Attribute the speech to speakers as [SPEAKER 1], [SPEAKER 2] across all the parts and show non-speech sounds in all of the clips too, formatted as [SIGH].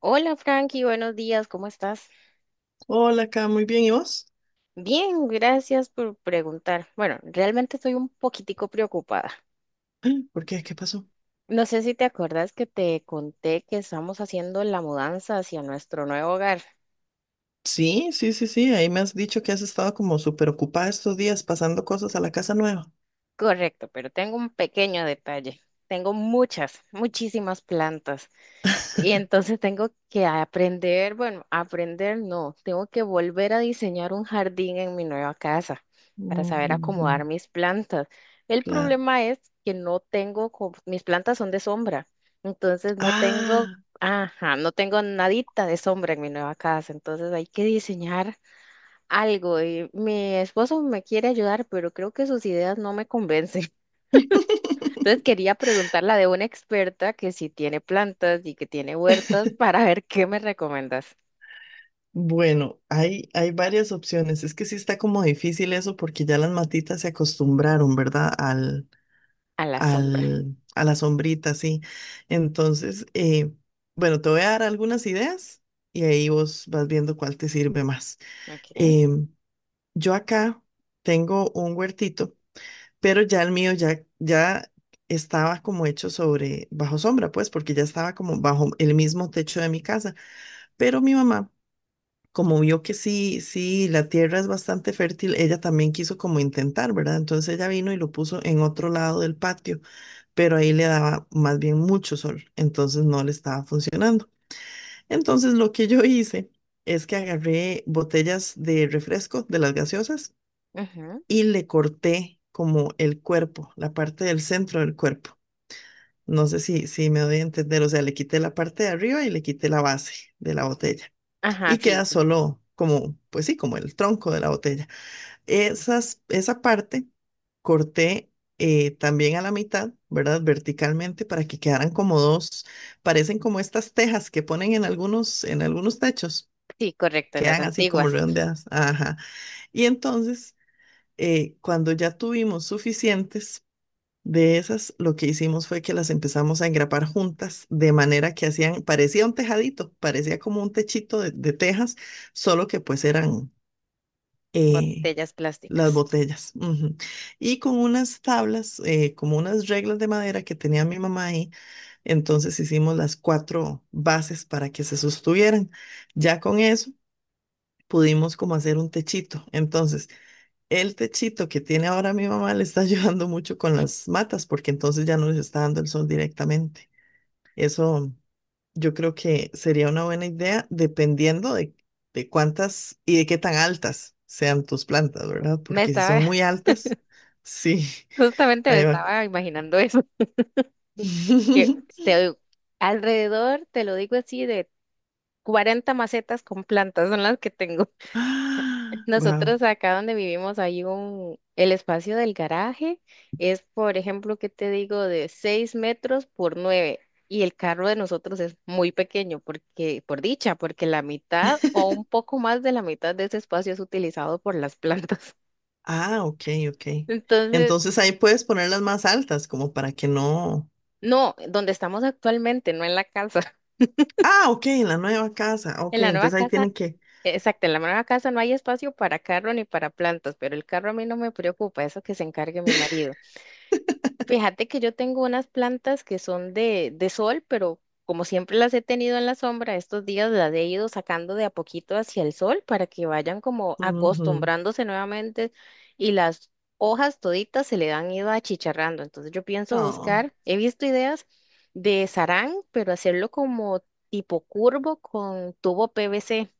[SPEAKER 1] Hola Frankie, buenos días, ¿cómo estás?
[SPEAKER 2] Hola, acá, muy bien. ¿Y vos?
[SPEAKER 1] Bien, gracias por preguntar. Bueno, realmente estoy un poquitico preocupada.
[SPEAKER 2] [CLEARS THROAT] Ay, ¿por qué? ¿Qué pasó?
[SPEAKER 1] No sé si te acuerdas que te conté que estamos haciendo la mudanza hacia nuestro nuevo hogar.
[SPEAKER 2] Sí, sí, sí, sí. Ahí me has dicho que has estado como súper ocupada estos días pasando cosas a la casa nueva.
[SPEAKER 1] Correcto, pero tengo un pequeño detalle. Tengo muchas, muchísimas plantas. Y entonces tengo que aprender, bueno, aprender no, tengo que volver a diseñar un jardín en mi nueva casa para saber
[SPEAKER 2] Ujú,
[SPEAKER 1] acomodar mis plantas. El
[SPEAKER 2] claro.
[SPEAKER 1] problema es que no tengo, co- mis plantas son de sombra, entonces no tengo,
[SPEAKER 2] Ah,
[SPEAKER 1] ajá, no tengo nadita de sombra en mi nueva casa, entonces hay que diseñar algo y mi esposo me quiere ayudar, pero creo que sus ideas no me convencen. Entonces quería preguntarla de una experta que si tiene plantas y que tiene huertas [LAUGHS] para ver qué me recomiendas
[SPEAKER 2] bueno, hay varias opciones. Es que sí está como difícil eso porque ya las matitas se acostumbraron, ¿verdad?
[SPEAKER 1] a la sombra.
[SPEAKER 2] A la sombrita, sí. Entonces, bueno, te voy a dar algunas ideas y ahí vos vas viendo cuál te sirve más.
[SPEAKER 1] Ok.
[SPEAKER 2] Em, Yo acá tengo un huertito, pero ya el mío ya estaba como hecho sobre bajo sombra, pues, porque ya estaba como bajo el mismo techo de mi casa. Pero mi mamá, como vio que la tierra es bastante fértil, ella también quiso como intentar, ¿verdad? Entonces ella vino y lo puso en otro lado del patio, pero ahí le daba más bien mucho sol, entonces no le estaba funcionando. Entonces lo que yo hice es que agarré botellas de refresco de las gaseosas
[SPEAKER 1] Ajá.
[SPEAKER 2] y le corté como el cuerpo, la parte del centro del cuerpo. No sé si me doy a entender, o sea, le quité la parte de arriba y le quité la base de la botella
[SPEAKER 1] Ajá,
[SPEAKER 2] y
[SPEAKER 1] sí,
[SPEAKER 2] queda
[SPEAKER 1] sí.
[SPEAKER 2] solo como, pues sí, como el tronco de la botella. Esa parte corté también a la mitad, ¿verdad? Verticalmente para que quedaran como dos, parecen como estas tejas que ponen en algunos techos,
[SPEAKER 1] Sí, correcto, las
[SPEAKER 2] quedan así como
[SPEAKER 1] antiguas
[SPEAKER 2] redondeadas. Ajá. Y entonces, cuando ya tuvimos suficientes, de esas, lo que hicimos fue que las empezamos a engrapar juntas, de manera que hacían, parecía un tejadito, parecía como un techito de tejas, solo que pues eran eh,
[SPEAKER 1] botellas
[SPEAKER 2] las
[SPEAKER 1] plásticas.
[SPEAKER 2] botellas. Ujú. Y con unas tablas, como unas reglas de madera que tenía mi mamá ahí, entonces hicimos las cuatro bases para que se sostuvieran. Ya con eso pudimos como hacer un techito. Entonces, el techito que tiene ahora mi mamá le está [LAUGHS] ayudando mucho con las matas, porque entonces ya no les está dando el sol directamente. Eso yo creo que sería una buena idea, dependiendo de cuántas y de qué tan altas sean tus plantas, ¿verdad?
[SPEAKER 1] Me
[SPEAKER 2] Porque si
[SPEAKER 1] estaba,
[SPEAKER 2] son muy
[SPEAKER 1] [LAUGHS]
[SPEAKER 2] altas, sí, [LAUGHS]
[SPEAKER 1] justamente me
[SPEAKER 2] ahí va.
[SPEAKER 1] estaba imaginando eso, que
[SPEAKER 2] [GASPS] [LAUGHS]
[SPEAKER 1] este, alrededor, te lo digo así, de 40 macetas con plantas son las que tengo.
[SPEAKER 2] Ah, wow.
[SPEAKER 1] Nosotros acá donde vivimos hay un, el espacio del garaje es, por ejemplo, ¿qué te digo? De 6 metros por 9 y el carro de nosotros es muy pequeño porque, por dicha, porque la mitad o un poco más de la mitad de ese espacio es utilizado por las plantas.
[SPEAKER 2] Ah, ok,
[SPEAKER 1] [LAUGHS]
[SPEAKER 2] ok.
[SPEAKER 1] Entonces,
[SPEAKER 2] Entonces ahí puedes ponerlas más altas, como para que no.
[SPEAKER 1] no, donde estamos actualmente, no en la casa. [LAUGHS]
[SPEAKER 2] Ah, ok, en la nueva casa.
[SPEAKER 1] En
[SPEAKER 2] Ok,
[SPEAKER 1] la nueva
[SPEAKER 2] entonces ahí
[SPEAKER 1] casa,
[SPEAKER 2] tienen que.
[SPEAKER 1] exacto, en la nueva casa no hay espacio para carro ni para plantas, pero el carro a mí no me preocupa, eso que se encargue mi marido. Fíjate que yo tengo unas plantas que son de sol, pero como siempre las he tenido en la sombra, estos días las he ido sacando de a poquito hacia el sol para que vayan como
[SPEAKER 2] Ujú.
[SPEAKER 1] acostumbrándose nuevamente y las hojas toditas se le han ido achicharrando. Entonces yo pienso
[SPEAKER 2] Oh.
[SPEAKER 1] buscar, he visto ideas de sarán, pero hacerlo como tipo curvo con tubo PVC.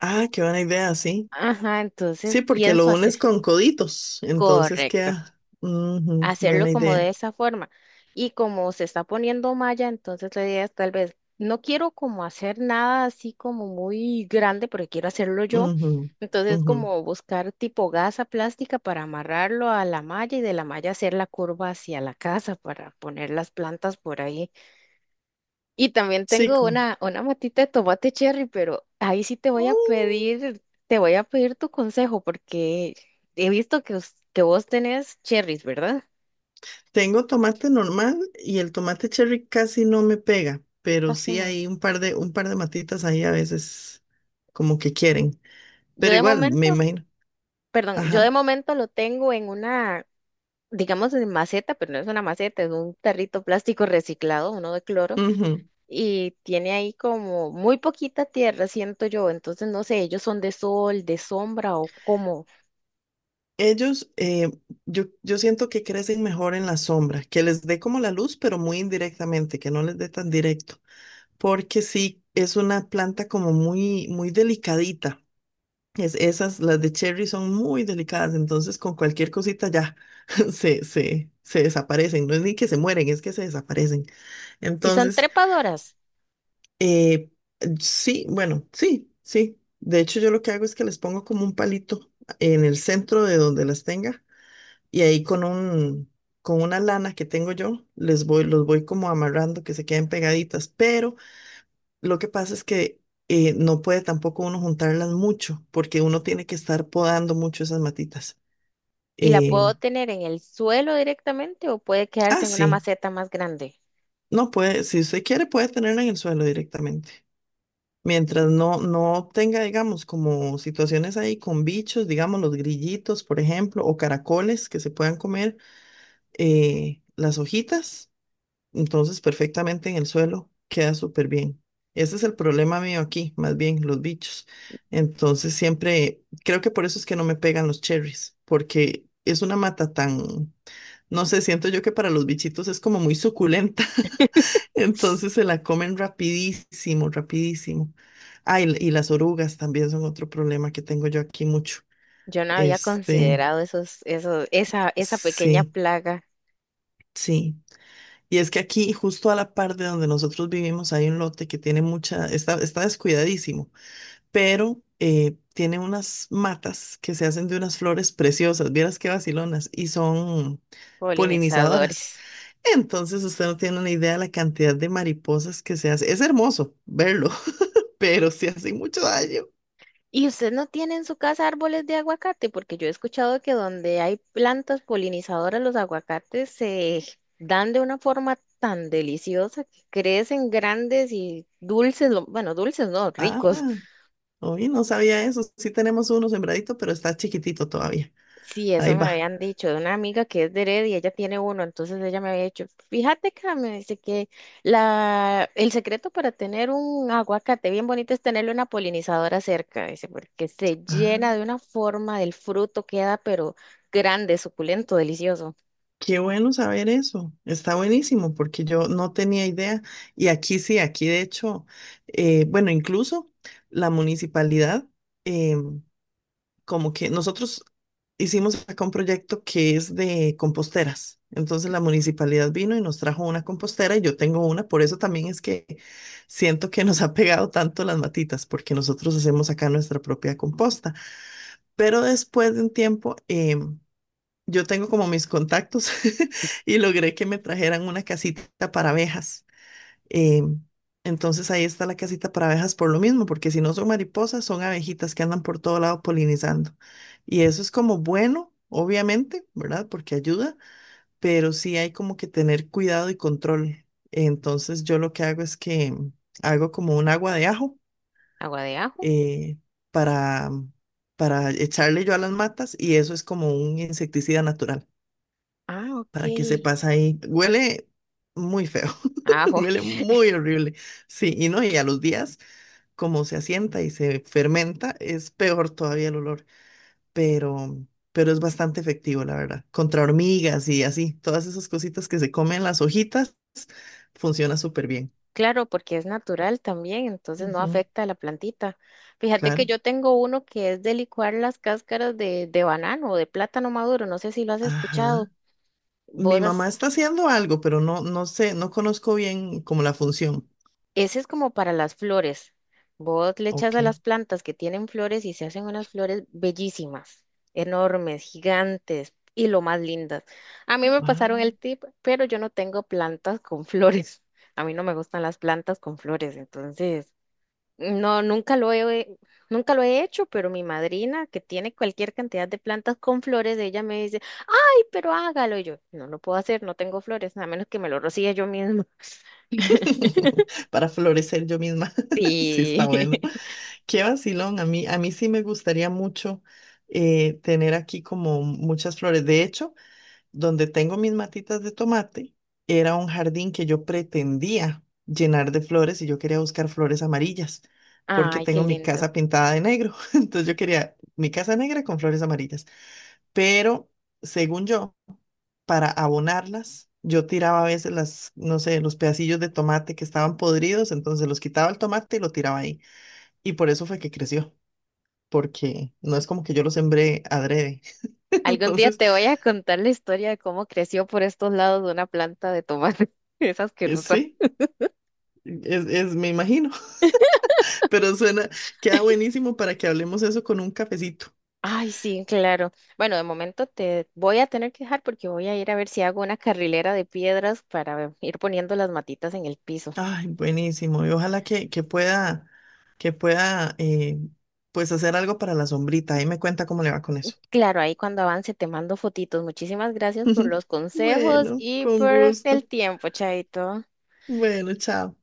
[SPEAKER 2] Ah, qué buena idea, sí.
[SPEAKER 1] Ajá, entonces
[SPEAKER 2] Sí, porque
[SPEAKER 1] pienso
[SPEAKER 2] lo
[SPEAKER 1] hacer.
[SPEAKER 2] unes con coditos, entonces
[SPEAKER 1] Correcto.
[SPEAKER 2] queda. Ujú,
[SPEAKER 1] Hacerlo
[SPEAKER 2] buena
[SPEAKER 1] como de
[SPEAKER 2] idea.
[SPEAKER 1] esa forma. Y como se está poniendo malla, entonces la idea es tal vez, no quiero como hacer nada así como muy grande, porque quiero hacerlo yo.
[SPEAKER 2] Ujú,
[SPEAKER 1] Entonces
[SPEAKER 2] ujú.
[SPEAKER 1] como buscar tipo gasa plástica para amarrarlo a la malla y de la malla hacer la curva hacia la casa para poner las plantas por ahí. Y también
[SPEAKER 2] Sí,
[SPEAKER 1] tengo
[SPEAKER 2] como.
[SPEAKER 1] una matita de tomate cherry, pero ahí sí te voy a
[SPEAKER 2] Mm,
[SPEAKER 1] pedir, te voy a pedir tu consejo porque he visto que, us- que vos tenés cherries, ¿verdad?
[SPEAKER 2] Tengo tomate normal y el tomate cherry casi no me pega, pero sí hay un par de matitas ahí a veces como que quieren.
[SPEAKER 1] Yo
[SPEAKER 2] Pero
[SPEAKER 1] de
[SPEAKER 2] igual, me
[SPEAKER 1] momento,
[SPEAKER 2] imagino.
[SPEAKER 1] perdón, yo de
[SPEAKER 2] Ajá.
[SPEAKER 1] momento lo tengo en una, digamos, en maceta, pero no es una maceta, es un tarrito plástico reciclado, uno de cloro,
[SPEAKER 2] Ujú.
[SPEAKER 1] y tiene ahí como muy poquita tierra, siento yo. Entonces, no sé, ellos son de sol, de sombra o cómo.
[SPEAKER 2] Ellos, yo siento que crecen mejor en la sombra, que les dé como la luz, pero muy indirectamente, que no les dé tan directo. Porque sí, es una planta como muy delicadita. Las de cherry son muy delicadas, entonces con cualquier cosita ya [LAUGHS] se desaparecen. No es ni que se mueren, es que se desaparecen.
[SPEAKER 1] Y son
[SPEAKER 2] Entonces,
[SPEAKER 1] trepadoras,
[SPEAKER 2] eh, sí, bueno, sí. De hecho, yo lo que hago es que les pongo como un palito en el centro de donde las tenga y ahí con una lana que tengo yo, los voy como amarrando que se queden pegaditas, pero... Lo que pasa es que no puede tampoco uno juntarlas mucho, porque uno tiene que estar podando mucho esas matitas.
[SPEAKER 1] y la
[SPEAKER 2] Eh,
[SPEAKER 1] puedo tener en el suelo directamente o puede
[SPEAKER 2] ah,
[SPEAKER 1] quedarse en una
[SPEAKER 2] sí,
[SPEAKER 1] maceta más grande.
[SPEAKER 2] si usted quiere, puede tenerla en el suelo directamente. Mientras no tenga, digamos, como situaciones ahí con bichos, digamos, los grillitos, por ejemplo, o caracoles que se puedan comer las hojitas, entonces, perfectamente en el suelo, queda súper bien. Ese es el problema mío aquí, más bien los bichos. Entonces, siempre, creo que por eso es que no me pegan los cherries, porque es una mata tan, no sé, siento yo que para los bichitos es como muy suculenta. [LAUGHS] Entonces se la comen rapidísimo, rapidísimo. Ah, y las orugas también son otro problema que tengo yo aquí mucho.
[SPEAKER 1] Yo no había
[SPEAKER 2] Este,
[SPEAKER 1] considerado esos, esos, esa pequeña
[SPEAKER 2] sí,
[SPEAKER 1] plaga
[SPEAKER 2] sí. Y es que aquí, justo a la par de donde nosotros vivimos, hay un lote que tiene mucha, está descuidadísimo, pero tiene unas matas que se hacen de unas flores preciosas, vieras qué vacilonas, y son polinizadoras.
[SPEAKER 1] polinizadores.
[SPEAKER 2] Entonces usted no tiene una idea de la cantidad de mariposas que se hace. Es hermoso verlo, [LAUGHS] pero sí hace mucho daño.
[SPEAKER 1] ¿Y usted no tiene en su casa árboles de aguacate? Porque yo he escuchado que donde hay plantas polinizadoras, los aguacates se dan de una forma tan deliciosa que crecen grandes y dulces, lo- bueno, dulces no,
[SPEAKER 2] Ah,
[SPEAKER 1] ricos.
[SPEAKER 2] hoy no sabía eso. Sí tenemos uno sembradito, pero está chiquitito todavía.
[SPEAKER 1] Sí,
[SPEAKER 2] Ahí
[SPEAKER 1] eso me
[SPEAKER 2] va.
[SPEAKER 1] habían dicho de una amiga que es de Heredia, ella tiene uno, entonces ella me había dicho, fíjate que me dice que la, el secreto para tener un aguacate bien bonito es tenerle una polinizadora cerca, dice, porque se llena de una forma del fruto, queda pero grande, suculento, delicioso.
[SPEAKER 2] Qué bueno saber eso, está buenísimo porque yo no tenía idea y aquí sí, aquí de hecho, bueno, incluso la municipalidad, eh, como que nosotros hicimos acá un proyecto que es de composteras, entonces la municipalidad vino y nos trajo una compostera y yo tengo una, por eso también es que siento que nos ha pegado tanto las matitas porque nosotros hacemos acá nuestra propia composta, pero después de un tiempo... yo tengo como mis contactos [LAUGHS] y logré que me trajeran una casita para abejas. Em, entonces ahí está la casita para abejas por lo mismo, porque si no son mariposas, son abejitas que andan por todo lado polinizando. Y eso es como bueno, obviamente, ¿verdad? Porque ayuda, pero sí hay como que tener cuidado y control. Entonces yo lo que hago es que hago como un agua de ajo
[SPEAKER 1] Agua de ajo.
[SPEAKER 2] eh, para, para echarle yo a las matas y eso es como un insecticida natural
[SPEAKER 1] Ah, ok.
[SPEAKER 2] para que sepas ahí. Huele muy feo, [LAUGHS]
[SPEAKER 1] Ajo.
[SPEAKER 2] huele muy horrible. Sí, y no, y a los días, como se asienta y se fermenta, es peor todavía el olor, pero, pero es bastante efectivo, la verdad. Contra hormigas y así, todas esas cositas que se comen las hojitas, funciona súper bien.
[SPEAKER 1] Claro, porque es natural también, entonces no
[SPEAKER 2] Ujú,
[SPEAKER 1] afecta a la plantita. Fíjate que
[SPEAKER 2] claro.
[SPEAKER 1] yo tengo uno que es de licuar las cáscaras de banano o de plátano maduro, no sé si lo has escuchado.
[SPEAKER 2] Ajá. Mi
[SPEAKER 1] Vos,
[SPEAKER 2] mamá
[SPEAKER 1] has-
[SPEAKER 2] está haciendo algo, pero no sé, no conozco bien como la función.
[SPEAKER 1] ese es como para las flores. Vos le echas
[SPEAKER 2] Ok.
[SPEAKER 1] a las plantas que tienen flores y se hacen unas flores bellísimas, enormes, gigantes y lo más lindas. A mí me pasaron el
[SPEAKER 2] Ah.
[SPEAKER 1] tip, pero yo no tengo plantas con flores. [LAUGHS] A mí no me gustan las plantas con flores, entonces... No, nunca lo he, nunca lo he hecho, pero mi madrina, que tiene cualquier cantidad de plantas con flores, ella me dice, ay, pero hágalo. Y yo, no lo puedo hacer, no tengo flores, a menos que me lo rocíe yo misma.
[SPEAKER 2] [LAUGHS]
[SPEAKER 1] [LAUGHS]
[SPEAKER 2] Para florecer yo misma. [LAUGHS] Sí, está
[SPEAKER 1] Sí.
[SPEAKER 2] bueno.
[SPEAKER 1] [LAUGHS]
[SPEAKER 2] Qué vacilón, a mí sí me gustaría mucho tener aquí como muchas flores. De hecho, donde tengo mis matitas de tomate, era un jardín que yo pretendía llenar de flores y yo quería buscar flores amarillas, porque
[SPEAKER 1] Ay, qué
[SPEAKER 2] tengo mi
[SPEAKER 1] lindo.
[SPEAKER 2] casa pintada de negro. [LAUGHS] Entonces yo quería mi casa negra con flores amarillas. Pero según yo, para abonarlas, yo tiraba a veces las, no sé, los pedacillos de tomate que estaban podridos, entonces los quitaba el tomate y lo tiraba ahí. Y por eso fue que creció porque no es como que yo lo sembré adrede. [LAUGHS]
[SPEAKER 1] Algún día
[SPEAKER 2] Entonces,
[SPEAKER 1] te voy a contar la historia de cómo creció por estos lados de una planta de tomate. [LAUGHS] Es asquerosa.
[SPEAKER 2] sí, es, me imagino, [LAUGHS] pero suena, queda buenísimo para que hablemos eso con un cafecito.
[SPEAKER 1] Ay, sí, claro. Bueno, de momento te voy a tener que dejar porque voy a ir a ver si hago una carrilera de piedras para ir poniendo las matitas en el piso.
[SPEAKER 2] Ay, buenísimo. Y ojalá que pueda, que pueda, eh, pues hacer algo para la sombrita. Ahí me cuenta cómo le va con eso.
[SPEAKER 1] Claro, ahí cuando avance te mando fotitos. Muchísimas gracias por
[SPEAKER 2] [LAUGHS]
[SPEAKER 1] los consejos
[SPEAKER 2] Bueno,
[SPEAKER 1] y
[SPEAKER 2] con
[SPEAKER 1] por
[SPEAKER 2] gusto.
[SPEAKER 1] el tiempo, Chaito.
[SPEAKER 2] Bueno, chao.